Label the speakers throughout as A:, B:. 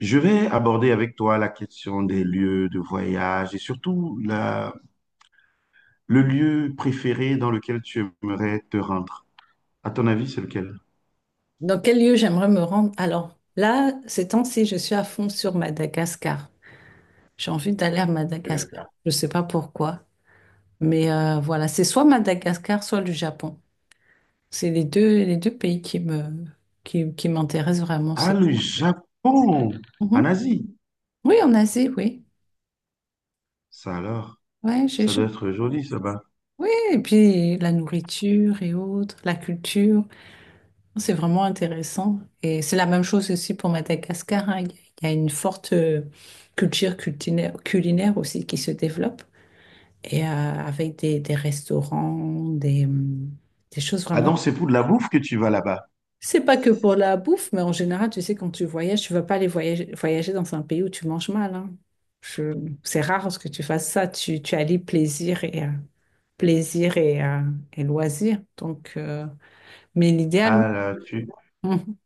A: Je vais aborder avec toi la question des lieux de voyage et surtout le lieu préféré dans lequel tu aimerais te rendre. À ton avis, c'est lequel?
B: Dans quel lieu j'aimerais me rendre? Alors, là, ces temps-ci, je suis à fond sur Madagascar. J'ai envie d'aller à
A: Madagascar.
B: Madagascar. Je ne sais pas pourquoi. Mais voilà, c'est soit Madagascar, soit le Japon. C'est les deux pays qui me, qui m'intéressent vraiment.
A: Ah,
B: C'est...
A: le Japon, en
B: Mhm.
A: Asie.
B: Oui, en Asie, oui.
A: Ça alors,
B: Ouais, j'ai,
A: ça
B: je-
A: doit être joli, ça bas.
B: Oui, et puis la nourriture et autres, la culture. C'est vraiment intéressant. Et c'est la même chose aussi pour Madagascar, hein. Il y a une forte culture culinaire, culinaire aussi qui se développe. Et avec des restaurants, des choses
A: Ah
B: vraiment.
A: donc, c'est pour de la bouffe que tu vas là-bas.
B: C'est pas que pour la bouffe, mais en général, tu sais, quand tu voyages, tu vas pas aller voyager, voyager dans un pays où tu manges mal, hein. Je- C'est rare que tu fasses ça. Tu allies plaisir et, plaisir et loisir. Donc, mais l'idéal,
A: Ah là, tu...
B: oui.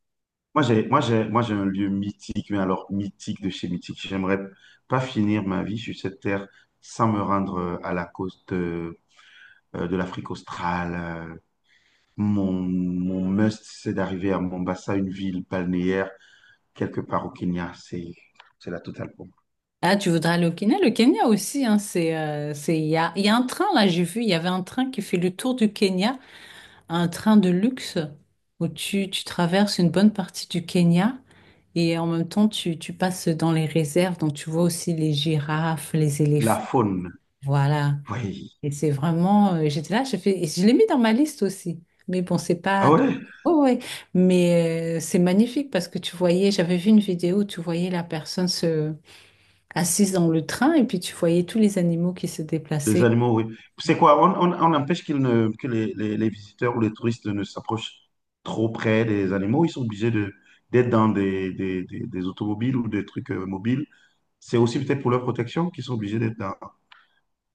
A: Moi, j'ai un lieu mythique, mais alors mythique de chez mythique. J'aimerais pas finir ma vie sur cette terre sans me rendre à la côte de l'Afrique australe, mon must, c'est d'arriver à Mombasa, une ville balnéaire, quelque part au Kenya. C'est la totale pour moi.
B: Ah, tu voudrais aller au Kenya? Le Kenya aussi, hein, c'est, il y a un train, là, j'ai vu, il y avait un train qui fait le tour du Kenya, un train de luxe où tu traverses une bonne partie du Kenya et en même temps, tu passes dans les réserves, donc tu vois aussi les girafes, les
A: La
B: éléphants.
A: faune,
B: Voilà.
A: oui.
B: Et c'est vraiment, j'étais là, j'ai fait, et je l'ai mis dans ma liste aussi. Mais bon, c'est
A: Ah
B: pas,
A: ouais,
B: ouais, ouais. Mais c'est magnifique parce que tu voyais, j'avais vu une vidéo où tu voyais la personne se assise dans le train et puis tu voyais tous les animaux qui se
A: les
B: déplaçaient.
A: animaux, oui. C'est quoi? On empêche qu'ils ne, que les visiteurs ou les touristes ne s'approchent trop près des animaux. Ils sont obligés de, d'être dans des automobiles ou des trucs mobiles. C'est aussi peut-être pour leur protection qu'ils sont obligés d'être dans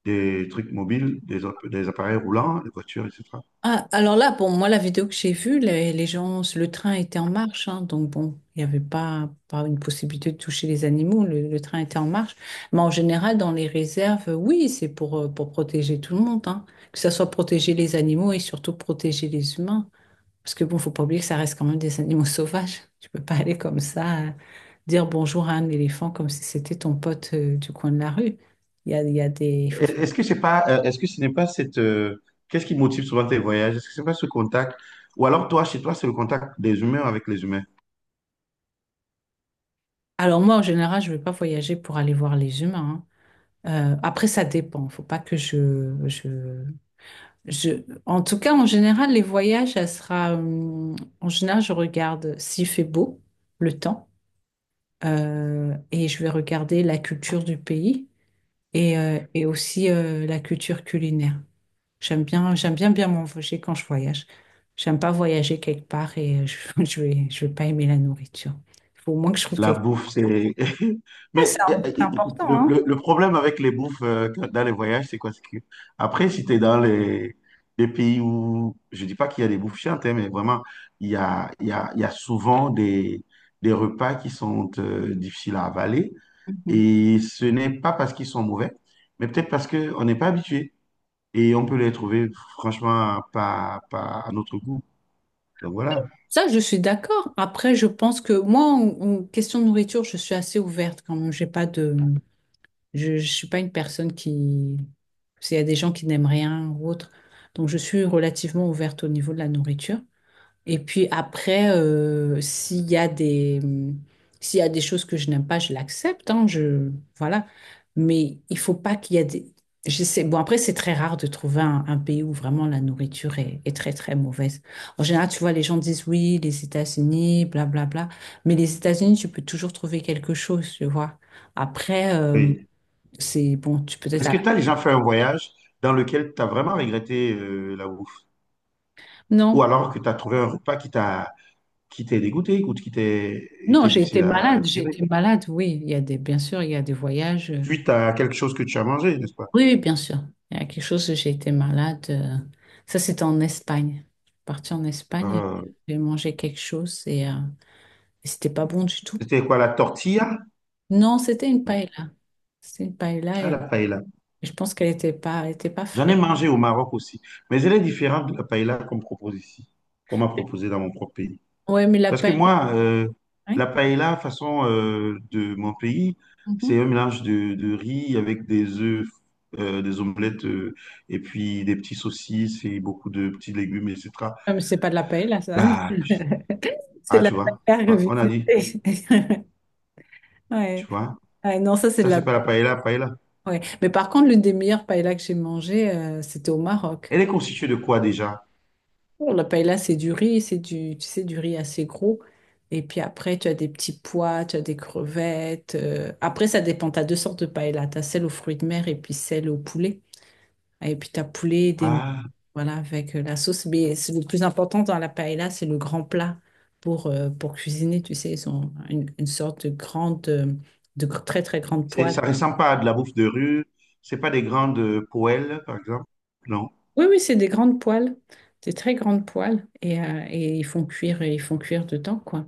A: des trucs mobiles, des, des appareils roulants, des voitures, etc.
B: Ah, alors là, bon, moi, la vidéo que j'ai vue, les gens, le train était en marche, hein, donc bon, il n'y avait pas, pas une possibilité de toucher les animaux, le train était en marche. Mais en général, dans les réserves, oui, c'est pour protéger tout le monde, hein, que ça soit protéger les animaux et surtout protéger les humains. Parce que bon, faut pas oublier que ça reste quand même des animaux sauvages. Tu peux pas aller comme ça, dire bonjour à un éléphant comme si c'était ton pote du coin de la rue. Il y a des... il faut
A: Est-
B: faire-
A: Est-ce que c'est pas, euh, est-ce que ce n'est pas cette, qu'est-ce qui motive souvent tes voyages? Est-ce que c'est pas ce contact? Ou alors toi, chez toi, c'est le contact des humains avec les humains?
B: Alors moi, en général, je vais pas voyager pour aller voir les humains, hein. Après, ça dépend. Faut pas que je... En tout cas, en général, les voyages, ça sera... En général, je regarde s'il fait beau, le temps, et je vais regarder la culture du pays et aussi la culture culinaire. J'aime bien bien m'envoyer quand je voyage. J'aime pas voyager quelque part et je, je vais pas aimer la nourriture. Il faut au moins que je trouve
A: La
B: quelque chose.
A: bouffe, c'est...
B: C'est
A: Mais
B: un- c'est important,
A: le,
B: hein?
A: le- le problème avec les bouffes dans les voyages, c'est quoi? C'est que après, si tu es dans les pays où... Je dis pas qu'il y a des bouffes chiantes, hein, mais vraiment, il y a, il y a, il y a souvent des repas qui sont difficiles à avaler.
B: Mhm.
A: Et ce n'est pas parce qu'ils sont mauvais, mais peut-être parce qu'on n'est pas habitué. Et on peut les trouver, franchement, pas à notre goût. Donc voilà.
B: Ça, je suis d'accord. Après, je pense que moi, en, en question de nourriture, je suis assez ouverte quand même. J'ai pas de, je suis pas une personne qui, s'il y a des gens qui n'aiment rien ou autre, donc je suis relativement ouverte au niveau de la nourriture. Et puis après, s'il y a des, s'il y a des choses que je n'aime pas, je l'accepte, hein, je, voilà. Mais il faut pas qu'il y ait des... Je sais, bon, après, c'est très rare de trouver un pays où vraiment la nourriture est, est très, très mauvaise. En général, tu vois, les gens disent oui, les États-Unis, blablabla. Mais les États-Unis, tu peux toujours trouver quelque chose, tu vois. Après, c'est bon, tu peux être
A: Est-ce
B: à...
A: que tu as déjà fait un voyage dans lequel tu as vraiment regretté la bouffe? Ou
B: Non,
A: alors que tu as trouvé un repas qui t'est dégoûté ou qui t'est
B: non,
A: été difficile à
B: j'ai
A: digérer?
B: été malade, oui. Il y a des, bien sûr, il y a des voyages,
A: Suite à quelque chose que tu as mangé, n'est-ce pas?
B: oui, oui, bien sûr. Il y a quelque chose, j'ai été malade, ça, c'était en Espagne. Je suis partie en Espagne et
A: Euh,
B: j'ai mangé quelque chose et c'était pas bon du tout.
A: c'était quoi, la tortilla?
B: Non, c'était une
A: Non,
B: paella. C'était une paella
A: ah,
B: et
A: la paella.
B: je pense qu'elle était pas, elle était pas
A: J'en ai
B: fraîche.
A: mangé au Maroc aussi, mais elle est différente de la paella qu'on me propose ici, qu'on m'a proposé dans mon propre pays.
B: Ouais, mais la
A: Parce que
B: paella,
A: moi, la
B: oui.
A: paella, façon de mon pays, c'est
B: Mhm.
A: un mélange de riz avec des œufs, des omelettes, et puis des petits saucisses et beaucoup de petits légumes, etc.
B: Ah, mais c'est pas de la paella, ça.
A: Bah,
B: C'est
A: ah,
B: de la paella
A: tu vois, on a dit,
B: revisitée.
A: tu
B: Ouais.
A: vois,
B: Ouais, non, ça, c'est de
A: ça,
B: la
A: c'est pas la
B: paella.
A: paella, paella.
B: Ouais. Mais par contre, l'une des meilleures paellas que j'ai mangées, c'était au Maroc.
A: Elle est constituée de quoi déjà?
B: On la paella, c'est du riz, c'est du, tu sais, du riz assez gros. Et puis après, tu as des petits pois, tu as des crevettes, euh. Après, ça dépend. Tu as deux sortes de paella. Tu as celle aux fruits de mer et puis celle au poulet. Et puis tu as poulet, des...
A: Ah,
B: voilà, avec la sauce. Mais c'est le plus important dans la paella, c'est le grand plat pour cuisiner. Tu sais, ils ont une sorte de grande, de gr- très, très grande
A: c'est,
B: poêle.
A: ça ressemble pas à de la bouffe de rue, c'est pas des grandes poêles, par exemple, non.
B: Oui, oui, c'est des grandes poêles. Des très grandes poêles. Et ils font cuire dedans, quoi.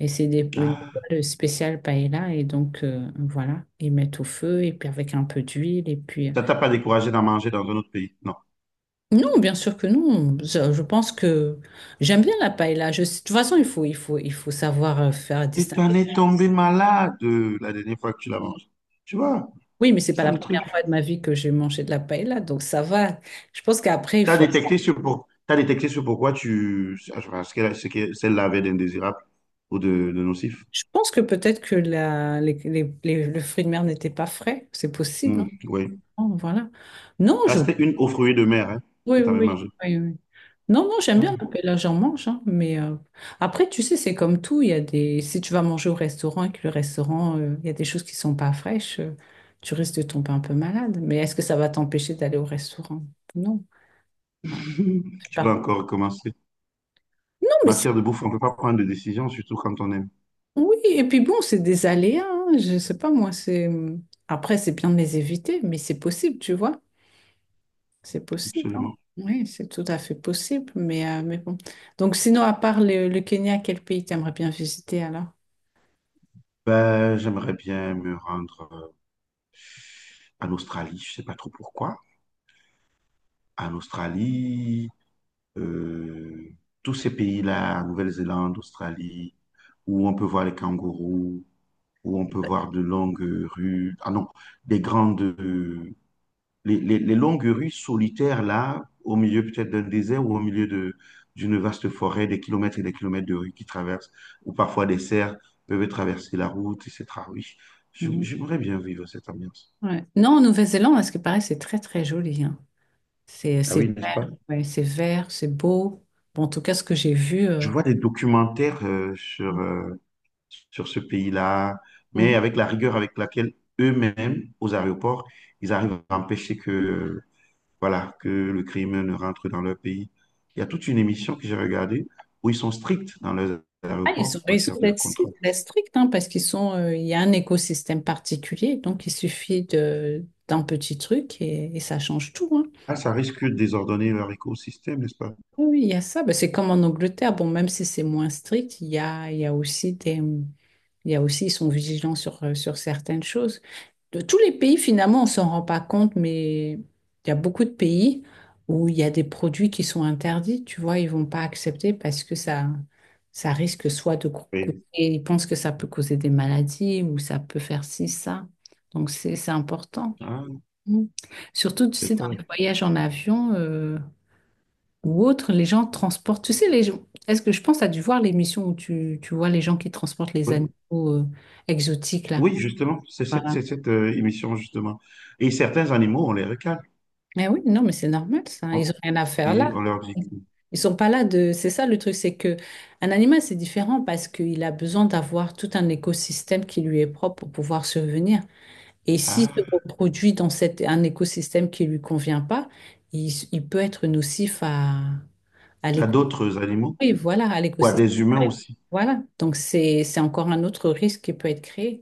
B: Et c'est des, une
A: Ah,
B: toile spéciale paella. Et donc, voilà, ils mettent au feu, et puis avec un peu d'huile. Et puis.
A: ça t'a pas découragé d'en manger dans un autre pays, non.
B: Non, bien sûr que non. Je pense que j'aime bien la paella. Je, de toute façon, il faut, il faut, il faut savoir faire
A: Et tu en
B: distinguer.
A: es tombé malade la dernière fois que tu l'as mangé. Tu vois,
B: Oui, mais c'est
A: c'est
B: pas
A: ça
B: la
A: le truc.
B: première fois de ma vie que j'ai mangé de la paella. Donc, ça va. Je pense qu'après, il
A: Tu as
B: faut.
A: détecté ce pour... T'as détecté ce pourquoi tu... ce que celle-là avait d'indésirable ou de nocif.
B: Je pense que peut-être que la, les- le fruit de mer n'était pas frais. C'est possible,
A: Hmm, oui.
B: hein. Voilà. Non,
A: Ah,
B: je,
A: c'était une aux fruits de mer hein,
B: oui,
A: que tu
B: oui,
A: avais
B: oui,
A: mangée.
B: oui, oui. Non, non, j'aime bien
A: Ah.
B: mais là j'en mange, hein, mais après, tu sais, c'est comme tout, il y a des... Si tu vas manger au restaurant et que le restaurant, il y a des choses qui sont pas fraîches, tu risques de tomber un peu malade. Mais est-ce que ça va t'empêcher d'aller au restaurant? Non. Voilà, c'est
A: Tu
B: pas-
A: vas encore recommencer.
B: Non, mais c'est-
A: Matière de bouffe, on ne peut pas prendre de décision, surtout quand on aime.
B: oui, et puis bon, c'est des aléas, hein, je sais pas, moi, c'est... après, c'est bien de les éviter, mais c'est possible, tu vois. C'est possible, hein.
A: Absolument.
B: Oui, c'est tout à fait possible, mais bon. Donc, sinon, à part le Kenya, quel pays t'aimerais bien visiter alors?
A: Ben, j'aimerais bien me rendre en Australie. Je ne sais pas trop pourquoi. En Australie, euh, tous ces pays-là, Nouvelle-Zélande, Australie, où on peut voir les kangourous, où on peut voir de longues rues, ah non, des grandes, les longues rues solitaires là, au milieu peut-être d'un désert ou au milieu de, d'une vaste forêt, des kilomètres et des kilomètres de rues qui traversent, ou parfois des cerfs peuvent traverser la route, etc. Oui,
B: Mhm.
A: j'aimerais bien vivre cette ambiance.
B: Ouais. Non, en Nouvelle-Zélande, parce que pareil, c'est très très joli, hein.
A: Ah
B: C'est
A: oui, n'est-ce
B: vert,
A: pas?
B: ouais, c'est vert, c'est beau. Bon, en tout cas, ce que j'ai vu,
A: Je vois des documentaires sur, sur ce pays-là, mais
B: mm.
A: avec la rigueur avec laquelle eux-mêmes, aux aéroports, ils arrivent à empêcher que, voilà, que le crime ne rentre dans leur pays. Il y a toute une émission que j'ai regardée où ils sont stricts dans leurs
B: Ah,
A: aéroports en
B: ils sont
A: matière de
B: d'être
A: contrôle.
B: d'être stricts, hein, parce qu'ils sont, il y a un écosystème particulier, donc il suffit de d'un petit truc et ça change tout, hein.
A: Ah, ça risque de désordonner leur écosystème, n'est-ce pas?
B: Oui, oui, il y a ça. Ben, c'est comme en Angleterre. Bon, même si c'est moins strict, il y a aussi des, il y a aussi, ils sont vigilants sur, sur certaines choses. De tous les pays, finalement, on s'en rend pas compte, mais il y a beaucoup de pays où il y a des produits qui sont interdits. Tu vois, ils vont pas accepter parce que ça risque soit de coûter,
A: Oui.
B: ils pensent que ça peut causer des maladies ou ça peut faire ci, ça. Donc, c'est important.
A: Ah,
B: Mm. Surtout, tu sais, dans
A: d'accord.
B: les voyages en avion, ou autre, les gens transportent. Tu sais, les gens, est-ce que je pense, à dû voir l'émission où tu vois les gens qui transportent les animaux exotiques là.
A: Oui, justement, c'est cette,
B: Voilà.
A: c'est cette émission, justement. Et certains animaux, on les recale.
B: Mais oui, non, mais c'est normal ça.
A: Hein,
B: Ils ont rien à faire
A: et
B: là.
A: on leur dit que-
B: Ils sont pas là de. C'est ça le truc, c'est que un animal c'est différent parce qu'il a besoin d'avoir tout un écosystème qui lui est propre pour pouvoir survenir. Et s'il se
A: ah,
B: reproduit dans cet, un écosystème qui lui convient pas, il peut être nocif à
A: à
B: l'écosystème.
A: d'autres animaux
B: Oui, voilà, à
A: ou à
B: l'écosystème.
A: des humains aussi,
B: Voilà, donc c'est encore un autre risque qui peut être créé.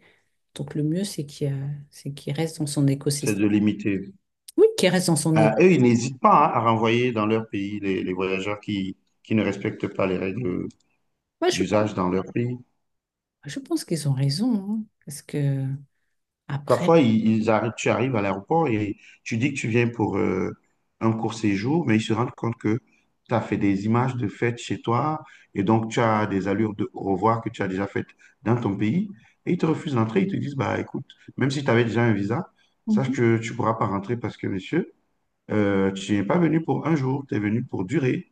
B: Donc le mieux, c'est qu'il y a- c'est qu'il reste dans son
A: c'est de
B: écosystème.
A: limiter.
B: Oui, qu'il reste dans son
A: Ah,
B: écosystème.
A: eux, ils n'hésitent pas hein, à renvoyer dans leur pays les voyageurs qui ne respectent pas les règles
B: je pense,
A: d'usage dans leur pays.
B: je pense qu'ils ont raison, hein, parce que après...
A: Parfois, tu arrives à l'aéroport et tu dis que tu viens pour un court séjour, mais ils se rendent compte que tu as fait des images de fête chez toi et donc tu as des allures de au revoir que tu as déjà faites dans ton pays et ils te refusent d'entrer. Ils te disent, bah écoute, même si tu avais déjà un visa, sache
B: Mhm.
A: que tu ne pourras pas rentrer parce que, monsieur, tu n'es pas venu pour un jour, tu es venu pour durer.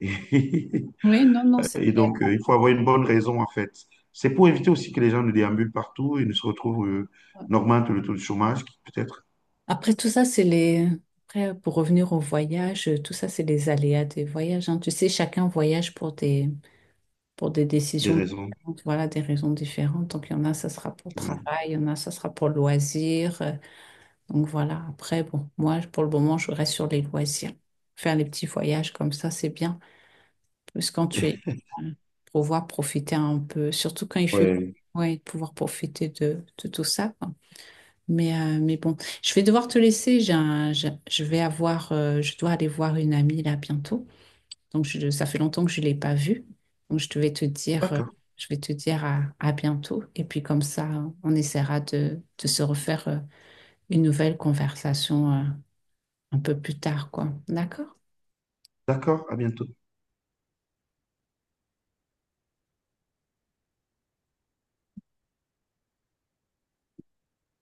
B: Oui, non, non, c'est
A: Et
B: clair.
A: donc, il faut avoir une bonne raison, en fait. C'est pour éviter aussi que les gens ne déambulent partout et ne se retrouvent, n'augmentent le taux de chômage, qui peut être
B: Après tout ça, c'est les... Après, pour revenir au voyage, tout ça, c'est les aléas des voyages, hein. Tu sais, chacun voyage pour des
A: des
B: décisions
A: raisons.
B: différentes, voilà, des raisons différentes. Donc il y en a, ça sera pour le
A: Ouais.
B: travail, il y en a, ça sera pour le loisir, donc voilà, après, bon, moi, pour le moment, je reste sur les loisirs. Faire les petits voyages comme ça, c'est bien. Parce que quand tu es, euh, pouvoir profiter un peu, surtout quand il fait,
A: Ouais.
B: ouais, pouvoir profiter de tout ça, quoi. Mais bon, je vais devoir te laisser. J'ai un- j'ai- je vais avoir, je dois aller voir une amie là bientôt. Donc je- ça fait longtemps que je ne l'ai pas vue. Donc je devais te dire,
A: D'accord,
B: je vais te dire à bientôt. Et puis comme ça, on essaiera de se refaire une nouvelle conversation, un peu plus tard, quoi. D'accord?
A: d'accord, à bientôt.